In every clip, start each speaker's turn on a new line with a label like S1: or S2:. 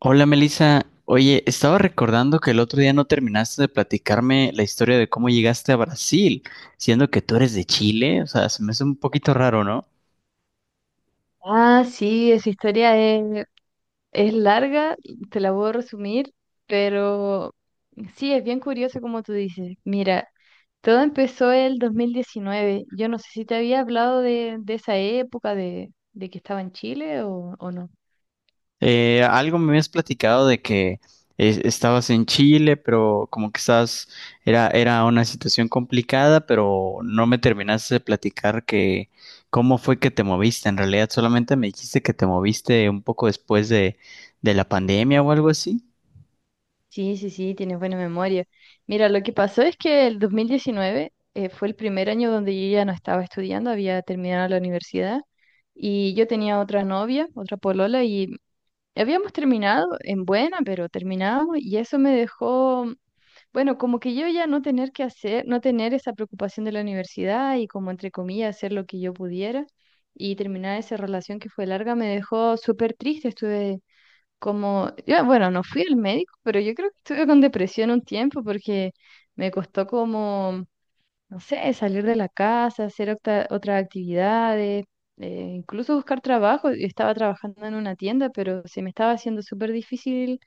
S1: Hola Melissa, oye, estaba recordando que el otro día no terminaste de platicarme la historia de cómo llegaste a Brasil, siendo que tú eres de Chile, o sea, se me hace un poquito raro, ¿no?
S2: Ah, sí, esa historia es larga, te la puedo resumir, pero sí, es bien curioso como tú dices. Mira, todo empezó el 2019. Yo no sé si te había hablado de esa época de que estaba en Chile o no.
S1: Algo me habías platicado de que estabas en Chile, pero como que estabas, era una situación complicada, pero no me terminaste de platicar que cómo fue que te moviste. En realidad, solamente me dijiste que te moviste un poco después de la pandemia o algo así.
S2: Sí, sí, sí, tienes buena memoria. Mira, lo que pasó es que el 2019 fue el primer año donde yo ya no estaba estudiando, había terminado la universidad y yo tenía otra novia, otra polola y habíamos terminado en buena, pero terminamos y eso me dejó, bueno, como que yo ya no tener que hacer, no tener esa preocupación de la universidad y como entre comillas hacer lo que yo pudiera, y terminar esa relación que fue larga me dejó súper triste. Estuve como, yo, bueno, no fui al médico, pero yo creo que estuve con depresión un tiempo porque me costó como, no sé, salir de la casa, hacer otras actividades, incluso buscar trabajo. Yo estaba trabajando en una tienda, pero se me estaba haciendo súper difícil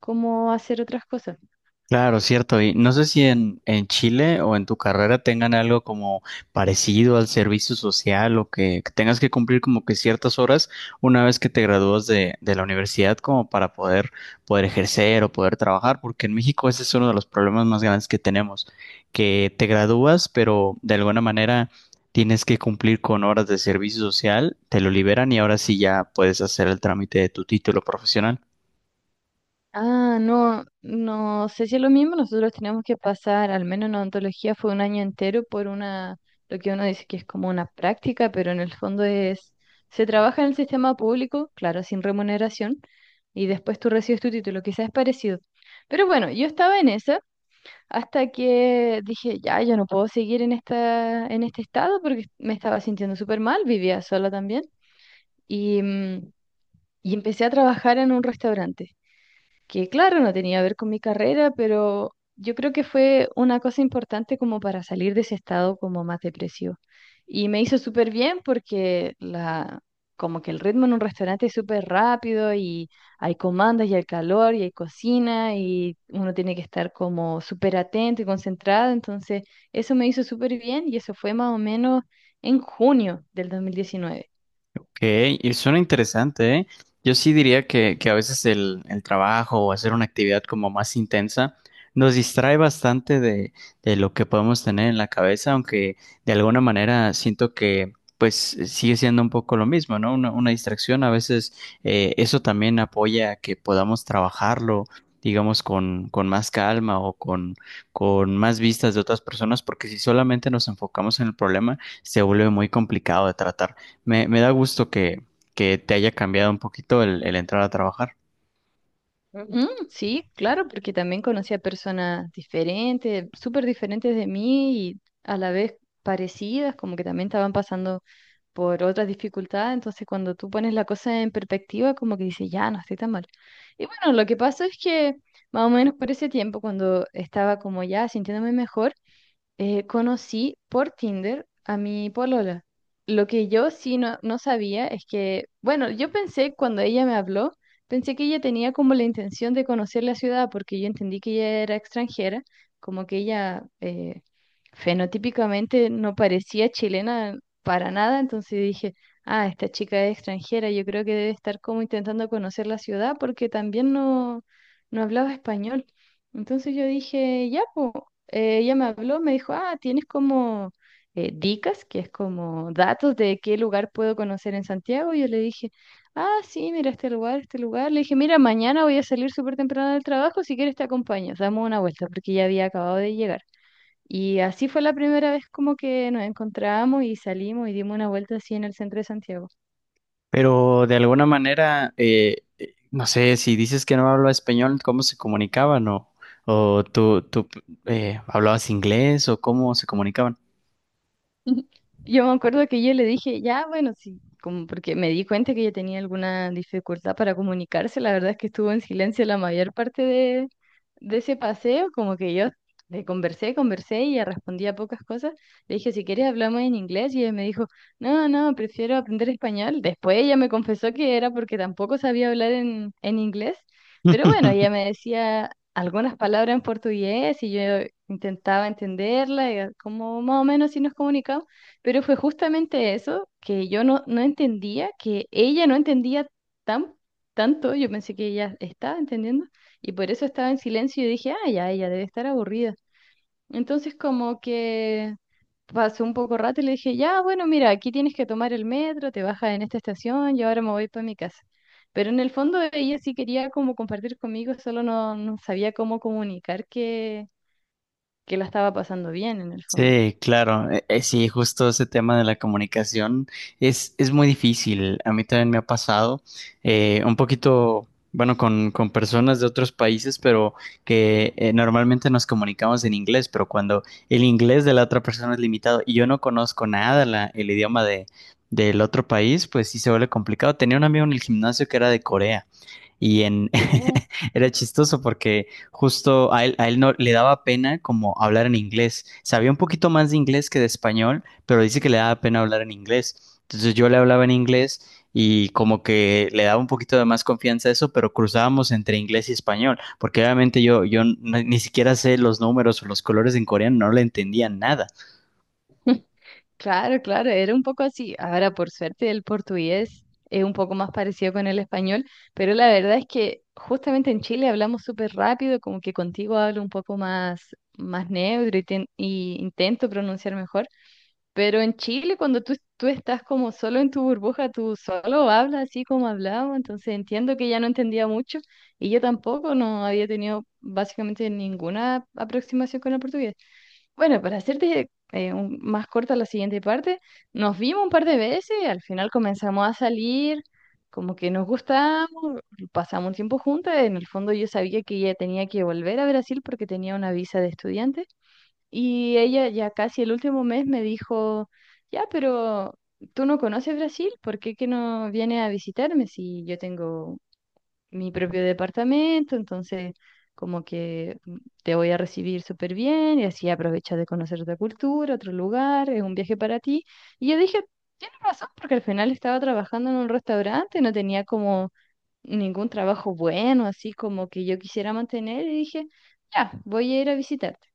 S2: cómo hacer otras cosas.
S1: Claro, cierto. Y no sé si en Chile o en tu carrera tengan algo como parecido al servicio social o que tengas que cumplir como que ciertas horas una vez que te gradúas de la universidad como para poder, poder ejercer o poder trabajar, porque en México ese es uno de los problemas más grandes que tenemos, que te gradúas, pero de alguna manera tienes que cumplir con horas de servicio social, te lo liberan y ahora sí ya puedes hacer el trámite de tu título profesional.
S2: Ah, no, no sé si es lo mismo. Nosotros teníamos que pasar, al menos en odontología, fue un año entero por una, lo que uno dice que es como una práctica, pero en el fondo es, se trabaja en el sistema público, claro, sin remuneración, y después tú recibes tu título, quizás es parecido. Pero bueno, yo estaba en esa. Hasta que dije, ya, yo no puedo seguir en esta, en este estado porque me estaba sintiendo súper mal, vivía sola también. Y y empecé a trabajar en un restaurante que claro, no tenía que ver con mi carrera, pero yo creo que fue una cosa importante como para salir de ese estado como más depresivo. Y me hizo súper bien porque la, como que el ritmo en un restaurante es súper rápido y hay comandas y hay calor y hay cocina y uno tiene que estar como súper atento y concentrado. Entonces, eso me hizo súper bien y eso fue más o menos en junio del 2019.
S1: Ok, y suena interesante, ¿eh? Yo sí diría que a veces el trabajo o hacer una actividad como más intensa nos distrae bastante de lo que podemos tener en la cabeza, aunque de alguna manera siento que pues sigue siendo un poco lo mismo, ¿no? Una distracción a veces eso también apoya a que podamos trabajarlo, digamos, con más calma o con más vistas de otras personas, porque si solamente nos enfocamos en el problema, se vuelve muy complicado de tratar. Me da gusto que te haya cambiado un poquito el entrar a trabajar,
S2: Ujú, sí, claro, porque también conocí a personas diferentes, súper diferentes de mí y a la vez parecidas, como que también estaban pasando por otras dificultades, entonces cuando tú pones la cosa en perspectiva, como que dices, ya, no estoy tan mal. Y bueno, lo que pasa es que más o menos por ese tiempo, cuando estaba como ya sintiéndome mejor, conocí por Tinder a mi polola. Lo que yo sí no sabía es que, bueno, yo pensé cuando ella me habló, pensé que ella tenía como la intención de conocer la ciudad, porque yo entendí que ella era extranjera, como que ella fenotípicamente no parecía chilena para nada, entonces dije, ah, esta chica es extranjera, yo creo que debe estar como intentando conocer la ciudad porque también no hablaba español. Entonces yo dije, ya, pues ella me habló, me dijo, ah, tienes como dicas, que es como datos de qué lugar puedo conocer en Santiago. Y yo le dije, ah, sí, mira este lugar, este lugar. Le dije, mira, mañana voy a salir súper temprano del trabajo, si quieres te acompaño, damos una vuelta, porque ya había acabado de llegar. Y así fue la primera vez como que nos encontramos y salimos y dimos una vuelta así en el centro de Santiago.
S1: pero de alguna manera, no sé, si dices que no hablaba español, ¿cómo se comunicaban? ¿O, tú hablabas inglés o cómo se comunicaban?
S2: Yo me acuerdo que yo le dije, ya, bueno, sí, como porque me di cuenta que ella tenía alguna dificultad para comunicarse, la verdad es que estuvo en silencio la mayor parte de ese paseo, como que yo le conversé, conversé y ella respondía pocas cosas. Le dije, si quieres hablamos en inglés y ella me dijo, no, no, prefiero aprender español. Después ella me confesó que era porque tampoco sabía hablar en inglés, pero bueno, ella me decía algunas palabras en portugués y yo intentaba entenderla, y como más o menos si nos comunicamos, pero fue justamente eso que yo no entendía, que ella no entendía tan, tanto, yo pensé que ella estaba entendiendo y por eso estaba en silencio y dije, ah, ya, ella debe estar aburrida. Entonces como que pasó un poco rato y le dije, ya, bueno, mira, aquí tienes que tomar el metro, te bajas en esta estación y ahora me voy para mi casa. Pero en el fondo ella sí quería como compartir conmigo, solo no sabía cómo comunicar que la estaba pasando bien en el fondo.
S1: Sí, claro. Sí, justo ese tema de la comunicación es muy difícil. A mí también me ha pasado un poquito, bueno, con personas de otros países, pero que normalmente nos comunicamos en inglés, pero cuando el inglés de la otra persona es limitado y yo no conozco nada la- el idioma de, del otro país, pues sí se vuelve complicado. Tenía un amigo en el gimnasio que era de Corea y en
S2: Oh,
S1: era chistoso porque justo a él no le daba pena como hablar en inglés. Sabía un poquito más de inglés que de español, pero dice que le daba pena hablar en inglés. Entonces yo le hablaba en inglés y como que le daba un poquito de más confianza a eso, pero cruzábamos entre inglés y español, porque obviamente yo, yo no- ni siquiera sé los números o los colores en coreano, no le entendía nada.
S2: claro, claro, era un poco así. Ahora, por suerte, el portugués es un poco más parecido con el español, pero la verdad es que justamente en Chile hablamos súper rápido, como que contigo hablo un poco más, más neutro y, y intento pronunciar mejor. Pero en Chile, cuando tú estás como solo en tu burbuja, tú solo hablas así como hablamos, entonces entiendo que ya no entendía mucho y yo tampoco no había tenido básicamente ninguna aproximación con el portugués. Bueno, para hacerte más corta la siguiente parte, nos vimos un par de veces, al final comenzamos a salir, como que nos gustamos, pasamos un tiempo juntas, en el fondo yo sabía que ella tenía que volver a Brasil porque tenía una visa de estudiante. Y ella ya casi el último mes me dijo, ya, pero tú no conoces Brasil, ¿por qué que no vienes a visitarme si yo tengo mi propio departamento? Entonces, como que te voy a recibir súper bien y así aprovechas de conocer otra cultura, otro lugar, es un viaje para ti. Y yo dije, tienes razón, porque al final estaba trabajando en un restaurante, no tenía como ningún trabajo bueno, así como que yo quisiera mantener y dije, ya, voy a ir a visitarte.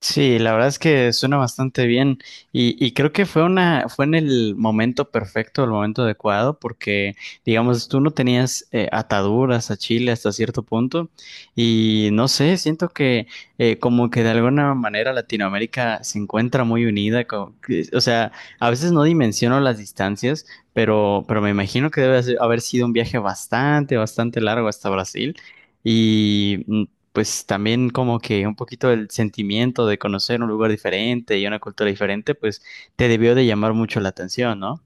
S1: Sí, la verdad es que suena bastante bien y creo que fue una, fue en el momento perfecto, el momento adecuado, porque digamos, tú no tenías ataduras a Chile hasta cierto punto y no sé, siento que como que de alguna manera Latinoamérica se encuentra muy unida, co- que- o sea, a veces no dimensiono las distancias, pero me imagino que debe haber sido un viaje bastante, bastante largo hasta Brasil. Y pues también como que un poquito el sentimiento de conocer un lugar diferente y una cultura diferente, pues te debió de llamar mucho la atención, ¿no?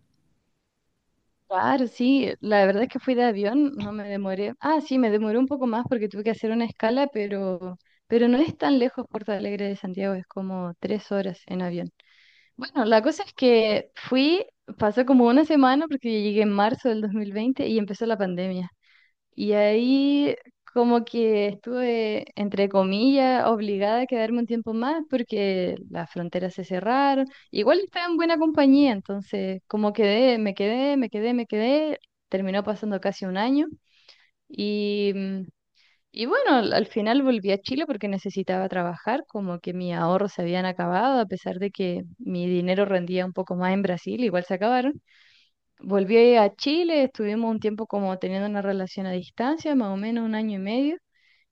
S2: Claro, sí, la verdad es que fui de avión, no me demoré. Ah, sí, me demoré un poco más porque tuve que hacer una escala, pero no es tan lejos Porto Alegre de Santiago, es como 3 horas en avión. Bueno, la cosa es que fui, pasó como una semana porque llegué en marzo del 2020 y empezó la pandemia. Y ahí como que estuve, entre comillas, obligada a quedarme un tiempo más porque las fronteras se cerraron. Igual estaba en buena compañía, entonces como quedé, me quedé. Terminó pasando casi un año. Y y bueno, al final volví a Chile porque necesitaba trabajar, como que mis ahorros se habían acabado, a pesar de que mi dinero rendía un poco más en Brasil, igual se acabaron. Volví a Chile, estuvimos un tiempo como teniendo una relación a distancia, más o menos un año y medio,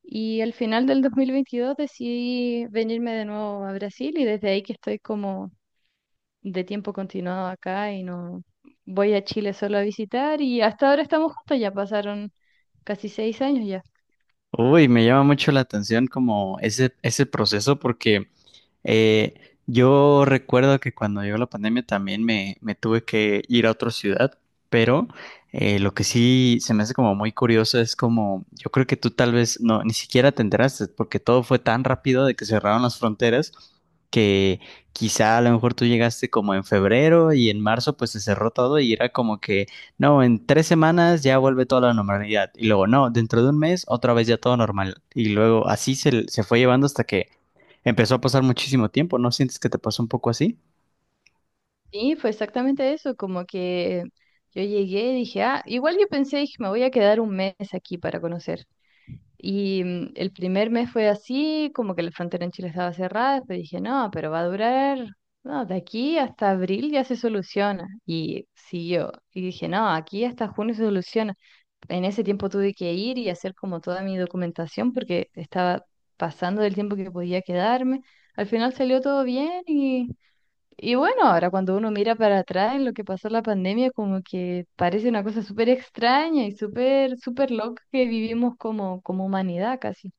S2: y al final del 2022 decidí venirme de nuevo a Brasil y desde ahí que estoy como de tiempo continuado acá y no voy a Chile solo a visitar y hasta ahora estamos juntos, ya pasaron casi 6 años ya.
S1: Uy, me llama mucho la atención como ese proceso porque Eh, yo recuerdo que cuando llegó la pandemia también me tuve que ir a otra ciudad, pero lo que sí se me hace como muy curioso es como, yo creo que tú tal vez no, ni siquiera te enteraste, porque todo fue tan rápido de que cerraron las fronteras que quizá a lo mejor tú llegaste como en febrero y en marzo pues se cerró todo y era como que, no, en 3 semanas ya vuelve toda la normalidad y luego, no, dentro de un mes otra vez ya todo normal y luego así se, se fue llevando hasta que empezó a pasar muchísimo tiempo, ¿no sientes que te pasó un poco así?
S2: Sí, fue exactamente eso, como que yo llegué y dije, ah, igual yo pensé, dije, me voy a quedar un mes aquí para conocer. Y el primer mes fue así, como que la frontera en Chile estaba cerrada, pero dije, no, pero va a durar, no, de aquí hasta abril ya se soluciona. Y siguió. Y dije, no, aquí hasta junio se soluciona. En ese tiempo tuve que ir y hacer como toda mi documentación porque estaba pasando del tiempo que podía quedarme. Al final salió todo bien y bueno, ahora cuando uno mira para atrás en lo que pasó la pandemia, como que parece una cosa súper extraña y súper, súper loca que vivimos como, como humanidad casi.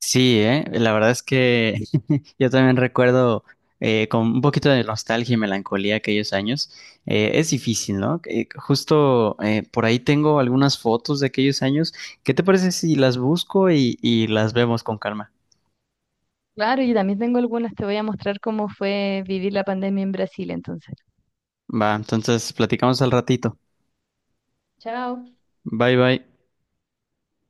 S1: Sí, ¿eh? La verdad es que yo también recuerdo con un poquito de nostalgia y melancolía aquellos años. Es difícil, ¿no? Justo por ahí tengo algunas fotos de aquellos años. ¿Qué te parece si las busco y las vemos con calma?
S2: Claro, y también tengo algunas, te voy a mostrar cómo fue vivir la pandemia en Brasil entonces.
S1: Va, entonces platicamos al ratito.
S2: Chao.
S1: Bye bye.